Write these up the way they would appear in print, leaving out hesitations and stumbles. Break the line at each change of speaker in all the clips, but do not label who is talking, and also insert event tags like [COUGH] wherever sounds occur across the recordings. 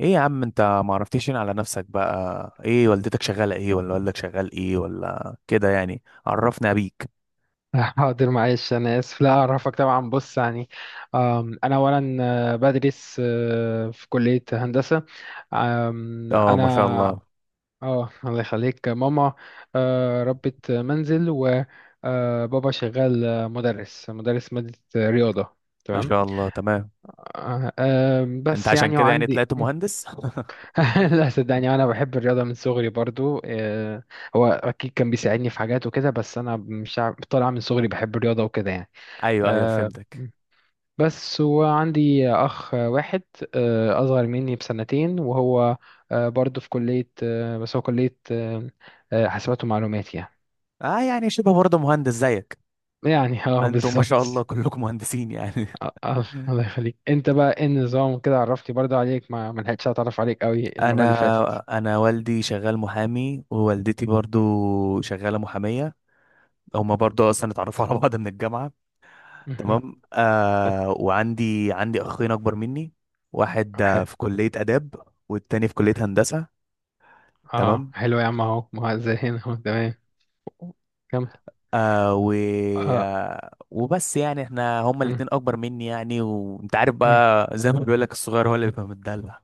ايه يا عم، انت ما عرفتيش هنا على نفسك؟ بقى ايه والدتك شغالة ايه، ولا والدك شغال ايه ولا كده يعني؟ عرفنا بيك.
[LAUGHS] حاضر معلش انا اسف لا اعرفك طبعا بص يعني. انا اولا بدرس في كلية هندسة. آم،
اه، ما شاء
انا
الله.
اه الله يخليك ماما. ربة منزل وبابا شغال، مدرس مادة رياضة.
ما
تمام.
شاء الله، تمام.
آه، آم،
انت
بس
عشان
يعني
كده يعني
وعندي.
طلعت مهندس؟
[LAUGHS] لا
[LAUGHS]
صدقني انا بحب الرياضة من صغري برضو. هو اكيد كان بيساعدني في حاجات وكده، بس انا مش عارف- طالع من صغري بحب الرياضة وكده يعني.
ايوه، ايوه،
آه،
فهمتك.
بس وعندي أخ واحد أصغر مني بسنتين، وهو برضه في كلية، آه، بس هو كلية آه، آه، حاسبات ومعلومات يعني.
اه، يعني شبه برضه مهندس زيك.
يعني [LAUGHS] اه
انتم ما شاء الله
بالظبط.
كلكم مهندسين يعني.
الله يخليك، انت بقى ايه النظام كده؟ عرفتي برضه عليك، ما لحقتش اتعرف عليك قوي
[LAUGHS]
المرة اللي
انا
فاتت.
انا والدي شغال محامي، ووالدتي برضه شغالة محامية. هما برضه اصلا اتعرفوا على بعض من الجامعة.
مهم. [LAUGHS]
تمام. وعندي اخين اكبر مني. واحد
حلو.
في كلية آداب، والتاني في كلية
مهم.
هندسة.
اه
تمام.
حلو يا عم، اهو ما هو زي هنا [LAUGHS] اهو تمام. كمل.
آه و
اه.
آه وبس يعني احنا هما
مم.
الاتنين اكبر مني، يعني وانت عارف
مم.
بقى، زي ما بيقول لك الصغير هو اللي بيبقى متدلع.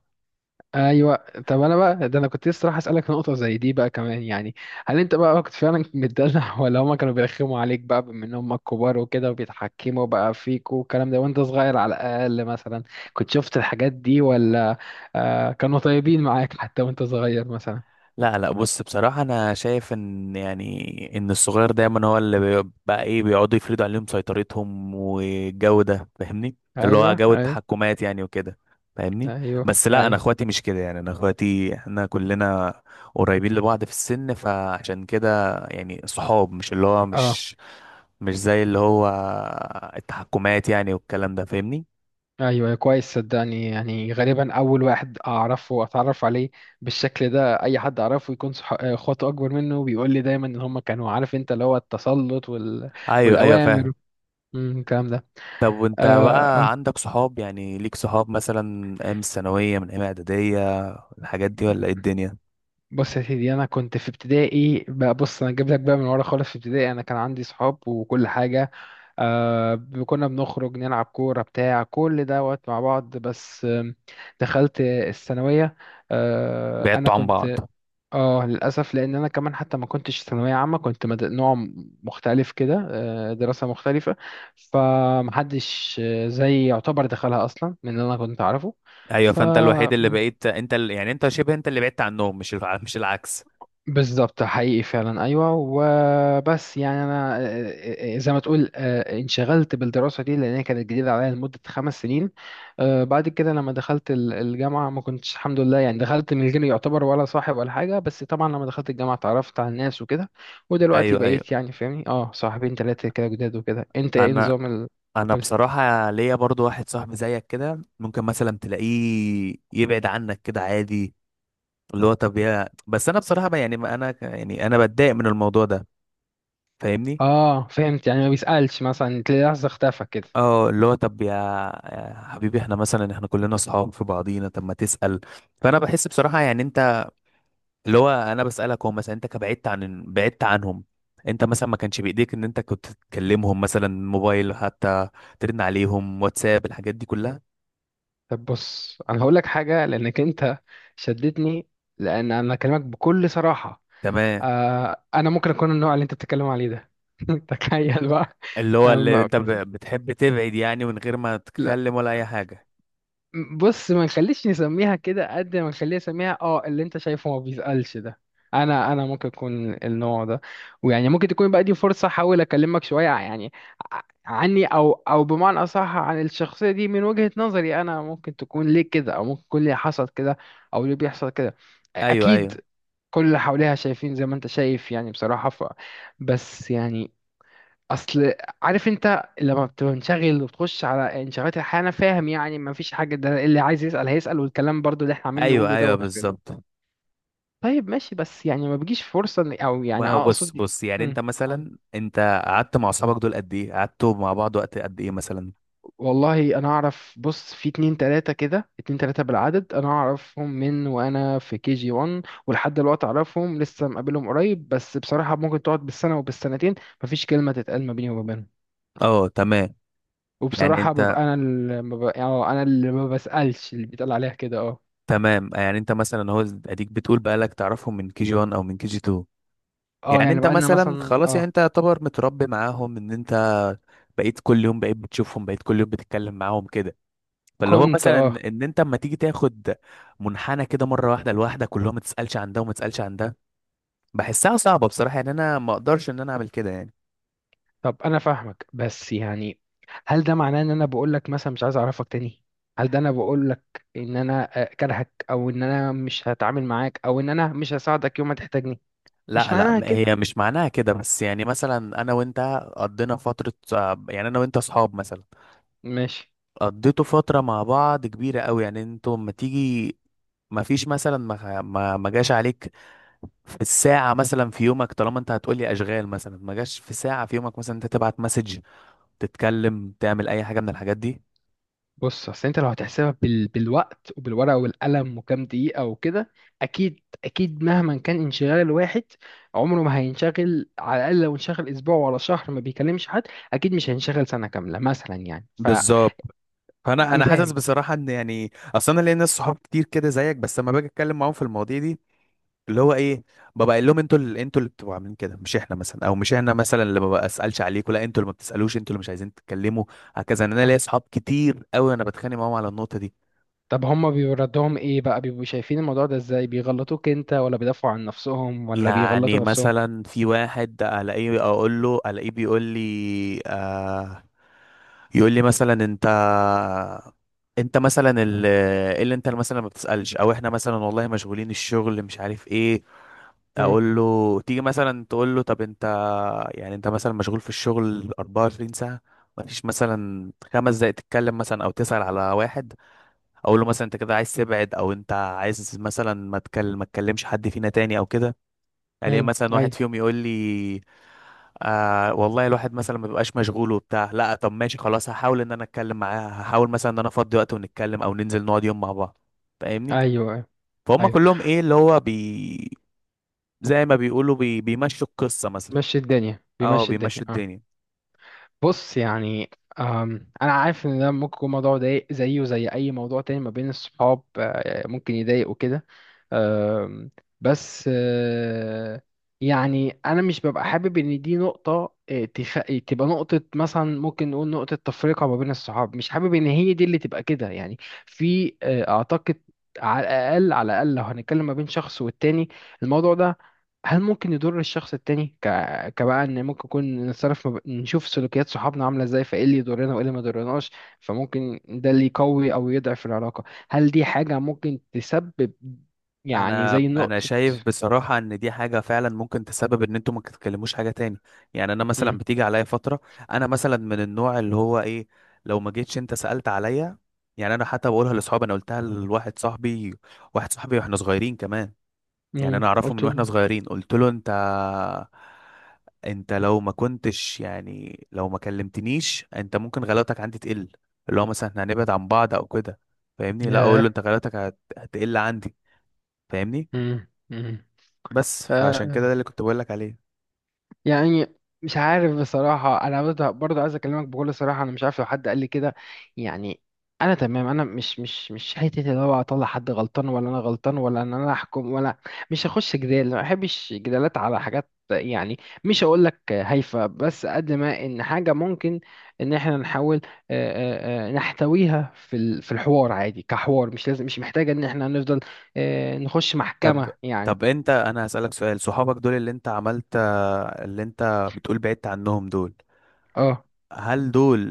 ايوه. طب انا بقى ده انا كنت لسه راح اسالك في نقطه زي دي بقى كمان يعني. هل انت بقى كنت فعلا متدلع [LAUGHS] ولا هما كانوا بيرخموا عليك بقى بما ان هما كبار وكده، وبيتحكموا بقى فيك والكلام ده وانت صغير، على الاقل مثلا كنت شفت الحاجات دي؟ ولا كانوا طيبين معاك حتى وانت صغير مثلا؟
لا، لا، بص، بصراحة أنا شايف إن يعني إن الصغير دايما هو اللي بقى إيه، بيقعدوا يفرضوا عليهم سيطرتهم والجو ده، فاهمني؟ اللي هو
ايوه
جو
ايوه.
التحكمات يعني وكده. فاهمني؟
ايوه
بس لا، أنا
ايوه.
إخواتي مش كده، يعني أنا إخواتي إحنا كلنا قريبين لبعض في السن، فعشان كده يعني صحاب، مش اللي هو
اه
مش، مش زي اللي هو التحكمات يعني والكلام ده، فاهمني؟
ايوه كويس. صدقني يعني غالبا اول واحد اعرفه، اتعرف عليه بالشكل ده، اي حد اعرفه يكون اخواته اكبر منه بيقول لي دايما ان هم كانوا، عارف انت، اللي هو التسلط وال...
أيوه، أيوه،
والاوامر
فاهم.
الكلام ده.
طب وانت
آه آه.
بقى عندك صحاب؟ يعني ليك صحاب مثلا ايام الثانوية، من ايام اعدادية، الحاجات دي، ولا ايه الدنيا؟
بص يا سيدي، انا كنت في ابتدائي بقى، بص انا جايب لك بقى من ورا خالص، في ابتدائي انا كان عندي صحاب وكل حاجه. كنا بنخرج نلعب كوره بتاع كل دوت مع بعض، بس دخلت الثانويه. آه، انا
بعدتوا عن بعض؟
كنت اه للاسف، لان انا كمان حتى ما كنتش ثانويه عامه، كنت مختلف كده، دراسه مختلفه. فمحدش زي يعتبر دخلها اصلا من اللي انا كنت اعرفه.
ايوه،
ف
فانت الوحيد اللي بقيت انت يعني انت شبه انت اللي بعدت عنهم، مش العكس.
بالظبط، حقيقي فعلا ايوه. وبس يعني انا، زي ما تقول، انشغلت بالدراسه دي لان هي كانت جديده عليا لمده خمس سنين. بعد كده لما دخلت الجامعه، ما كنتش الحمد لله يعني، دخلت من غير يعتبر ولا صاحب ولا حاجه. بس طبعا لما دخلت الجامعه اتعرفت على الناس وكده، ودلوقتي
ايوه، ايوه.
بقيت يعني، فاهمني، اه صاحبين ثلاثه كده جداد وكده. انت ايه
انا
نظام ال...؟
انا
قولي.
بصراحة ليا برضو واحد صاحبي زيك كده، ممكن مثلا تلاقيه يبعد عنك كده عادي. اللي هو طب يا، بس انا بصراحة بقى يعني ما انا يعني انا بتضايق من الموضوع ده، فاهمني؟
اه فهمت، يعني ما بيسالش، مثلا تلاقي لحظه اختفى كده.
اه، اللي هو طب يا، يا حبيبي احنا مثلا احنا كلنا اصحاب في بعضينا، طب ما تسأل. فانا بحس بصراحة يعني انت، اللي هو انا بسألك، هو مثلا انت كبعدت عن بعدت عنهم، انت مثلا ما كانش بايديك ان انت كنت تكلمهم مثلا موبايل حتى، ترن عليهم، واتساب الحاجات دي كلها.
طب بص انا هقول لك حاجه لانك انت شدتني، لان انا اكلمك بكل صراحه.
تمام.
آه انا ممكن اكون النوع اللي انت بتتكلم عليه ده [LAUGHS] تخيل بقى.
اللي هو
أنا
اللي
ما-
انت بتحب تبعد يعني، من غير ما
لا،
تتكلم ولا اي حاجة.
بص ما نخليش نسميها كده، قد ما نخليها نسميها اه اللي انت شايفه ما بيسألش ده. انا ممكن اكون النوع ده. ويعني ممكن تكون بقى دي فرصة احاول اكلمك شوية يعني، يعني عني، او بمعنى اصح عن الشخصية دي، من وجهة نظري، انا ممكن تكون ليه كده، او ممكن يكون ليه حصل كده، او ليه بيحصل كده.
ايوه، ايوه،
اكيد كل اللي حواليها شايفين زي ما انت شايف يعني، بصراحة. ف بس يعني اصل عارف انت لما بتبقى منشغل وبتخش على انشغالات الحياه، انا فاهم يعني، ما فيش حاجه، ده اللي عايز يسال هيسال، والكلام برضو اللي احنا عاملين
ايوه،
نقوله
ايوه،
دوت وكده.
بالظبط.
طيب ماشي، بس يعني ما بيجيش فرصه او يعني
ما هو بص،
اقصد.
بص، يعني انت
مم.
مثلا انت قعدت مع اصحابك دول قد ايه؟ قعدتوا مع بعض وقت قد ايه مثلا؟
والله انا اعرف، بص في اتنين تلاتة كده، اتنين تلاتة بالعدد، انا اعرفهم من وانا في كي جي 1 ولحد دلوقتي اعرفهم، لسه مقابلهم قريب. بس بصراحة ممكن تقعد بالسنة وبالسنتين مفيش كلمة تتقال ما بيني وما بينهم.
اه، تمام. يعني
وبصراحة
انت
ببقى أنا اللي ما ببقى يعني، أنا اللي ما بسألش، اللي بيتقال عليها كده اه.
تمام يعني انت مثلا هو اديك بتقول بقالك تعرفهم من كي جي 1 او من كي جي 2.
اه
يعني
يعني
انت
بقالنا
مثلا
مثلا
خلاص، يعني
اه.
انت يعتبر متربي معاهم، ان انت بقيت كل يوم، بقيت بتشوفهم، بقيت كل يوم بتتكلم معاهم كده. فاللي هو
كنت
مثلا
اه.
ان انت اما تيجي تاخد منحنى كده مره واحده لوحدك، كلهم ما تسالش عن ده وما تسالش عن ده، بحسها صعبه بصراحه، يعني انا ما اقدرش ان انا اعمل كده يعني.
طب أنا فاهمك، بس يعني هل ده معناه إن أنا بقولك مثلا مش عايز أعرفك تاني؟ هل ده أنا بقولك إن أنا، كارهك؟ أو إن أنا مش هتعامل معاك؟ أو إن أنا مش هساعدك يوم ما تحتاجني؟ مش
لا، لا،
معناها كده.
هي مش معناها كده، بس يعني مثلا انا وانت قضينا فتره، يعني انا وانت اصحاب مثلا،
ماشي.
قضيتوا فترة مع بعض كبيرة قوي، يعني انتوا لما تيجي ما فيش مثلا، ما جاش عليك في الساعة مثلا في يومك، طالما انت هتقولي اشغال مثلا، ما جاش في ساعة في يومك مثلا انت تبعت مسج، تتكلم، تعمل اي حاجة من الحاجات دي.
بص اصل انت لو هتحسبها بال... بالوقت وبالورقه والقلم وكام دقيقه وكده، اكيد اكيد مهما كان انشغال الواحد، عمره ما هينشغل. على الاقل لو انشغل اسبوع ولا شهر ما بيكلمش حد، اكيد مش هينشغل سنه كامله مثلا، يعني فانا
بالظبط. فانا
فاهم.
حاسس بصراحه ان يعني اصلا انا ليا ناس صحاب كتير كده زيك، بس لما باجي اتكلم معاهم في المواضيع دي، اللي هو ايه، ببقى قايل لهم انتوا اللي، انتوا اللي بتبقوا عاملين كده، مش احنا مثلا، او مش احنا مثلا اللي ما بسالش عليكم، لا انتوا اللي ما بتسالوش، انتوا اللي مش عايزين تتكلموا. هكذا، إن انا
اه.
ليا صحاب كتير قوي انا بتخانق معاهم على النقطه دي.
طب هما بيبقوا ردهم ايه بقى؟ بيبقوا شايفين الموضوع ده ازاي؟ بيغلطوك انت، ولا بيدافعوا عن نفسهم، ولا
يعني
بيغلطوا نفسهم؟
مثلا في واحد الاقيه اقول له، الاقيه بيقول لي يقول لي مثلا: انت، انت مثلا إيه اللي انت مثلا ما بتسألش، او احنا مثلا والله مشغولين، الشغل مش عارف ايه.
امم.
اقول له تيجي مثلا تقول له: طب انت، يعني انت مثلا مشغول في الشغل 24 ساعة؟ مفيش مثلا خمس دقايق تتكلم مثلا او تسأل على واحد؟ اقول له مثلا: انت كده عايز تبعد، او انت عايز مثلا ما تكلمش حد فينا تاني او كده؟ الاقي مثلا واحد
ايوه.
فيهم يقول لي: والله الواحد مثلا ما بيبقاش مشغول وبتاع. لا طب ماشي خلاص، هحاول ان انا اتكلم معاه، هحاول مثلا ان انا افضي وقت ونتكلم، او ننزل نقعد يوم مع بعض. فاهمني؟
ايوه
فهم
ايوه.
كلهم، ايه اللي هو زي ما بيقولوا بيمشوا القصة مثلا.
مشي الدنيا،
اه،
بيمشي الدنيا
بيمشوا
آه.
الدنيا.
بص يعني، انا عارف ان ده ممكن يكون موضوع ضايق، زيه وزي اي موضوع تاني ما بين الصحاب، ممكن يضايق وكده. أم، بس آه، يعني انا مش ببقى حابب ان دي نقطة، تبقى نقطة، مثلا ممكن نقول نقطة تفرقة ما بين الصحاب، مش حابب ان هي دي اللي تبقى كده يعني. في، اعتقد، على الاقل لو هنتكلم ما بين شخص والتاني، الموضوع ده هل ممكن يضر الشخص التاني؟ كبقى ان ممكن يكون نتصرف نشوف سلوكيات صحابنا عامله ازاي، فايه اللي يضرنا وايه اللي ما يضرناش. فممكن ده اللي يقوي او يضعف العلاقه. هل دي حاجه ممكن تسبب، يعني
انا
زي
انا
نقطه.
شايف بصراحه ان دي حاجه فعلا ممكن تسبب ان انتوا ما تتكلموش حاجه تاني. يعني انا مثلا
امم.
بتيجي عليا فتره، انا مثلا من النوع اللي هو ايه، لو ما جيتش انت سالت عليا. يعني انا حتى بقولها لاصحابي، انا قلتها لواحد صاحبي، واحد صاحبي واحنا صغيرين كمان، يعني انا اعرفه
قلت
من واحنا
له.
صغيرين، قلت له: انت، لو ما كنتش يعني لو ما كلمتنيش، انت ممكن غلاوتك عندي تقل، اللي هو مثلا احنا هنبعد عن بعض او كده. فاهمني؟ لا، اقول له:
ياه.
انت غلاوتك هتقل عندي. فاهمني؟
امم.
بس فعشان كده
امم.
ده اللي كنت بقولك عليه.
يعني مش عارف بصراحة، أنا برضه عايز أكلمك بكل صراحة. أنا مش عارف لو حد قال لي كده، يعني أنا تمام، أنا مش حتة اللي هو أطلع حد غلطان ولا أنا غلطان، ولا إن أنا أحكم، ولا مش هخش جدال، ما بحبش جدالات على حاجات يعني. مش هقول لك هايفة، بس قد ما إن حاجة ممكن، إن إحنا نحاول، نحتويها في في الحوار عادي كحوار. مش لازم، مش محتاجة إن إحنا نفضل، نخش
طب
محكمة يعني.
طب انت، انا هسألك سؤال. صحابك دول اللي انت عملت، اللي انت بتقول بعدت عنهم دول،
اه.
هل دول،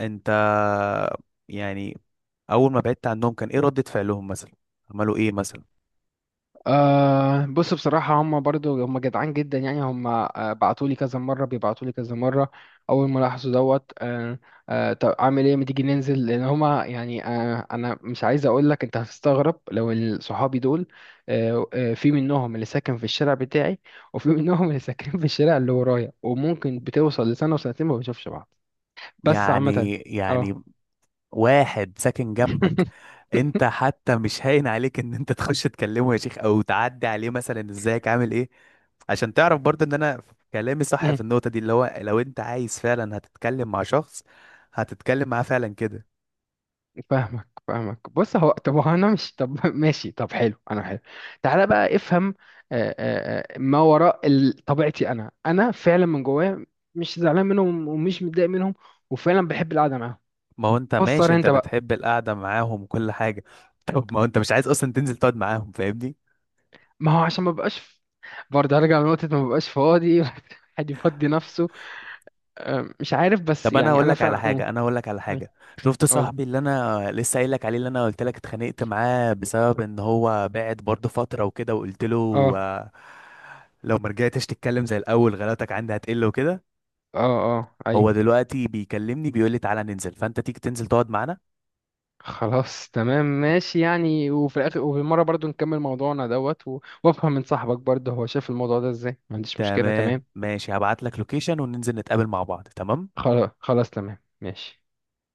انت، يعني، اول ما بعدت عنهم كان ايه ردة فعلهم مثلا؟ عملوا ايه مثلا؟
أه بص بصراحة، هم برضو هم جدعان جدا يعني. هم، بعتولي كذا مرة، بيبعتولي كذا مرة أول ما لاحظوا دوت. أه. أه طب أعمل إيه ما تيجي ننزل، لأن هما يعني، أه أنا مش عايز أقول لك أنت هتستغرب لو [LAUGHS] صحابي دول أه، في منهم اللي ساكن في الشارع بتاعي، وفي [LAUGHS] منهم اللي ساكن في الشارع اللي ورايا، وممكن بتوصل لسنة وسنتين ما بنشوفش بعض. بس عامة
يعني
أه.
يعني واحد ساكن جنبك؟
[LAUGHS]
انت حتى مش هاين عليك ان انت [LAUGHS] تخش تكلمه يا شيخ، او تعدي عليه مثلا: ازيك عامل ايه؟ عشان تعرف برضه ان انا كلامي صح في
[LAUGHS]
النقطة دي. اللي هو لو انت عايز فعلا هتتكلم مع شخص، هتتكلم معاه فعلا كده.
فاهمك فاهمك. بص هو طب هو انا مش طب [LAUGHS] ماشي طب حلو انا حلو. تعالى بقى افهم، ما وراء طبيعتي. انا فعلا من جوايا مش زعلان منهم ومش متضايق منهم، وفعلا بحب القعده معاهم.
ما هو انت ماشي،
فسر
انت
انت بقى.
بتحب القعدة معاهم وكل حاجة [LAUGHS] طب ما هو انت مش عايز اصلا تنزل تقعد معاهم، فاهمني؟
ما هو عشان ما بقاش ف- برضه هرجع لنقطه ما بقاش فاضي [LAUGHS] حد يفضي نفسه، مش عارف. بس
طب انا
يعني
هقول
انا
لك على
فعلا قول.
حاجه انا هقول لك على حاجه. شفت
قول.
صاحبي اللي انا لسه قايل لك عليه، اللي انا قلت لك اتخانقت معاه، بسبب ان هو بعد برضه فتره وكده، وقلت له
اه
لو ما رجعتش تتكلم زي الاول غلطك عندي هتقل وكده.
اه اه ايوه.
هو دلوقتي بيكلمني بيقول لي: تعالى ننزل، فانت تيجي تنزل تقعد معانا.
خلاص تمام ماشي، يعني وفي الاخر وفي المره برضو نكمل موضوعنا دوت وافهم من صاحبك برضه هو شايف الموضوع ده ازاي، ما عنديش مشكله
تمام
تمام.
ماشي، هبعت لك لوكيشن وننزل نتقابل مع بعض. تمام.
خلاص خلاص تمام ماشي.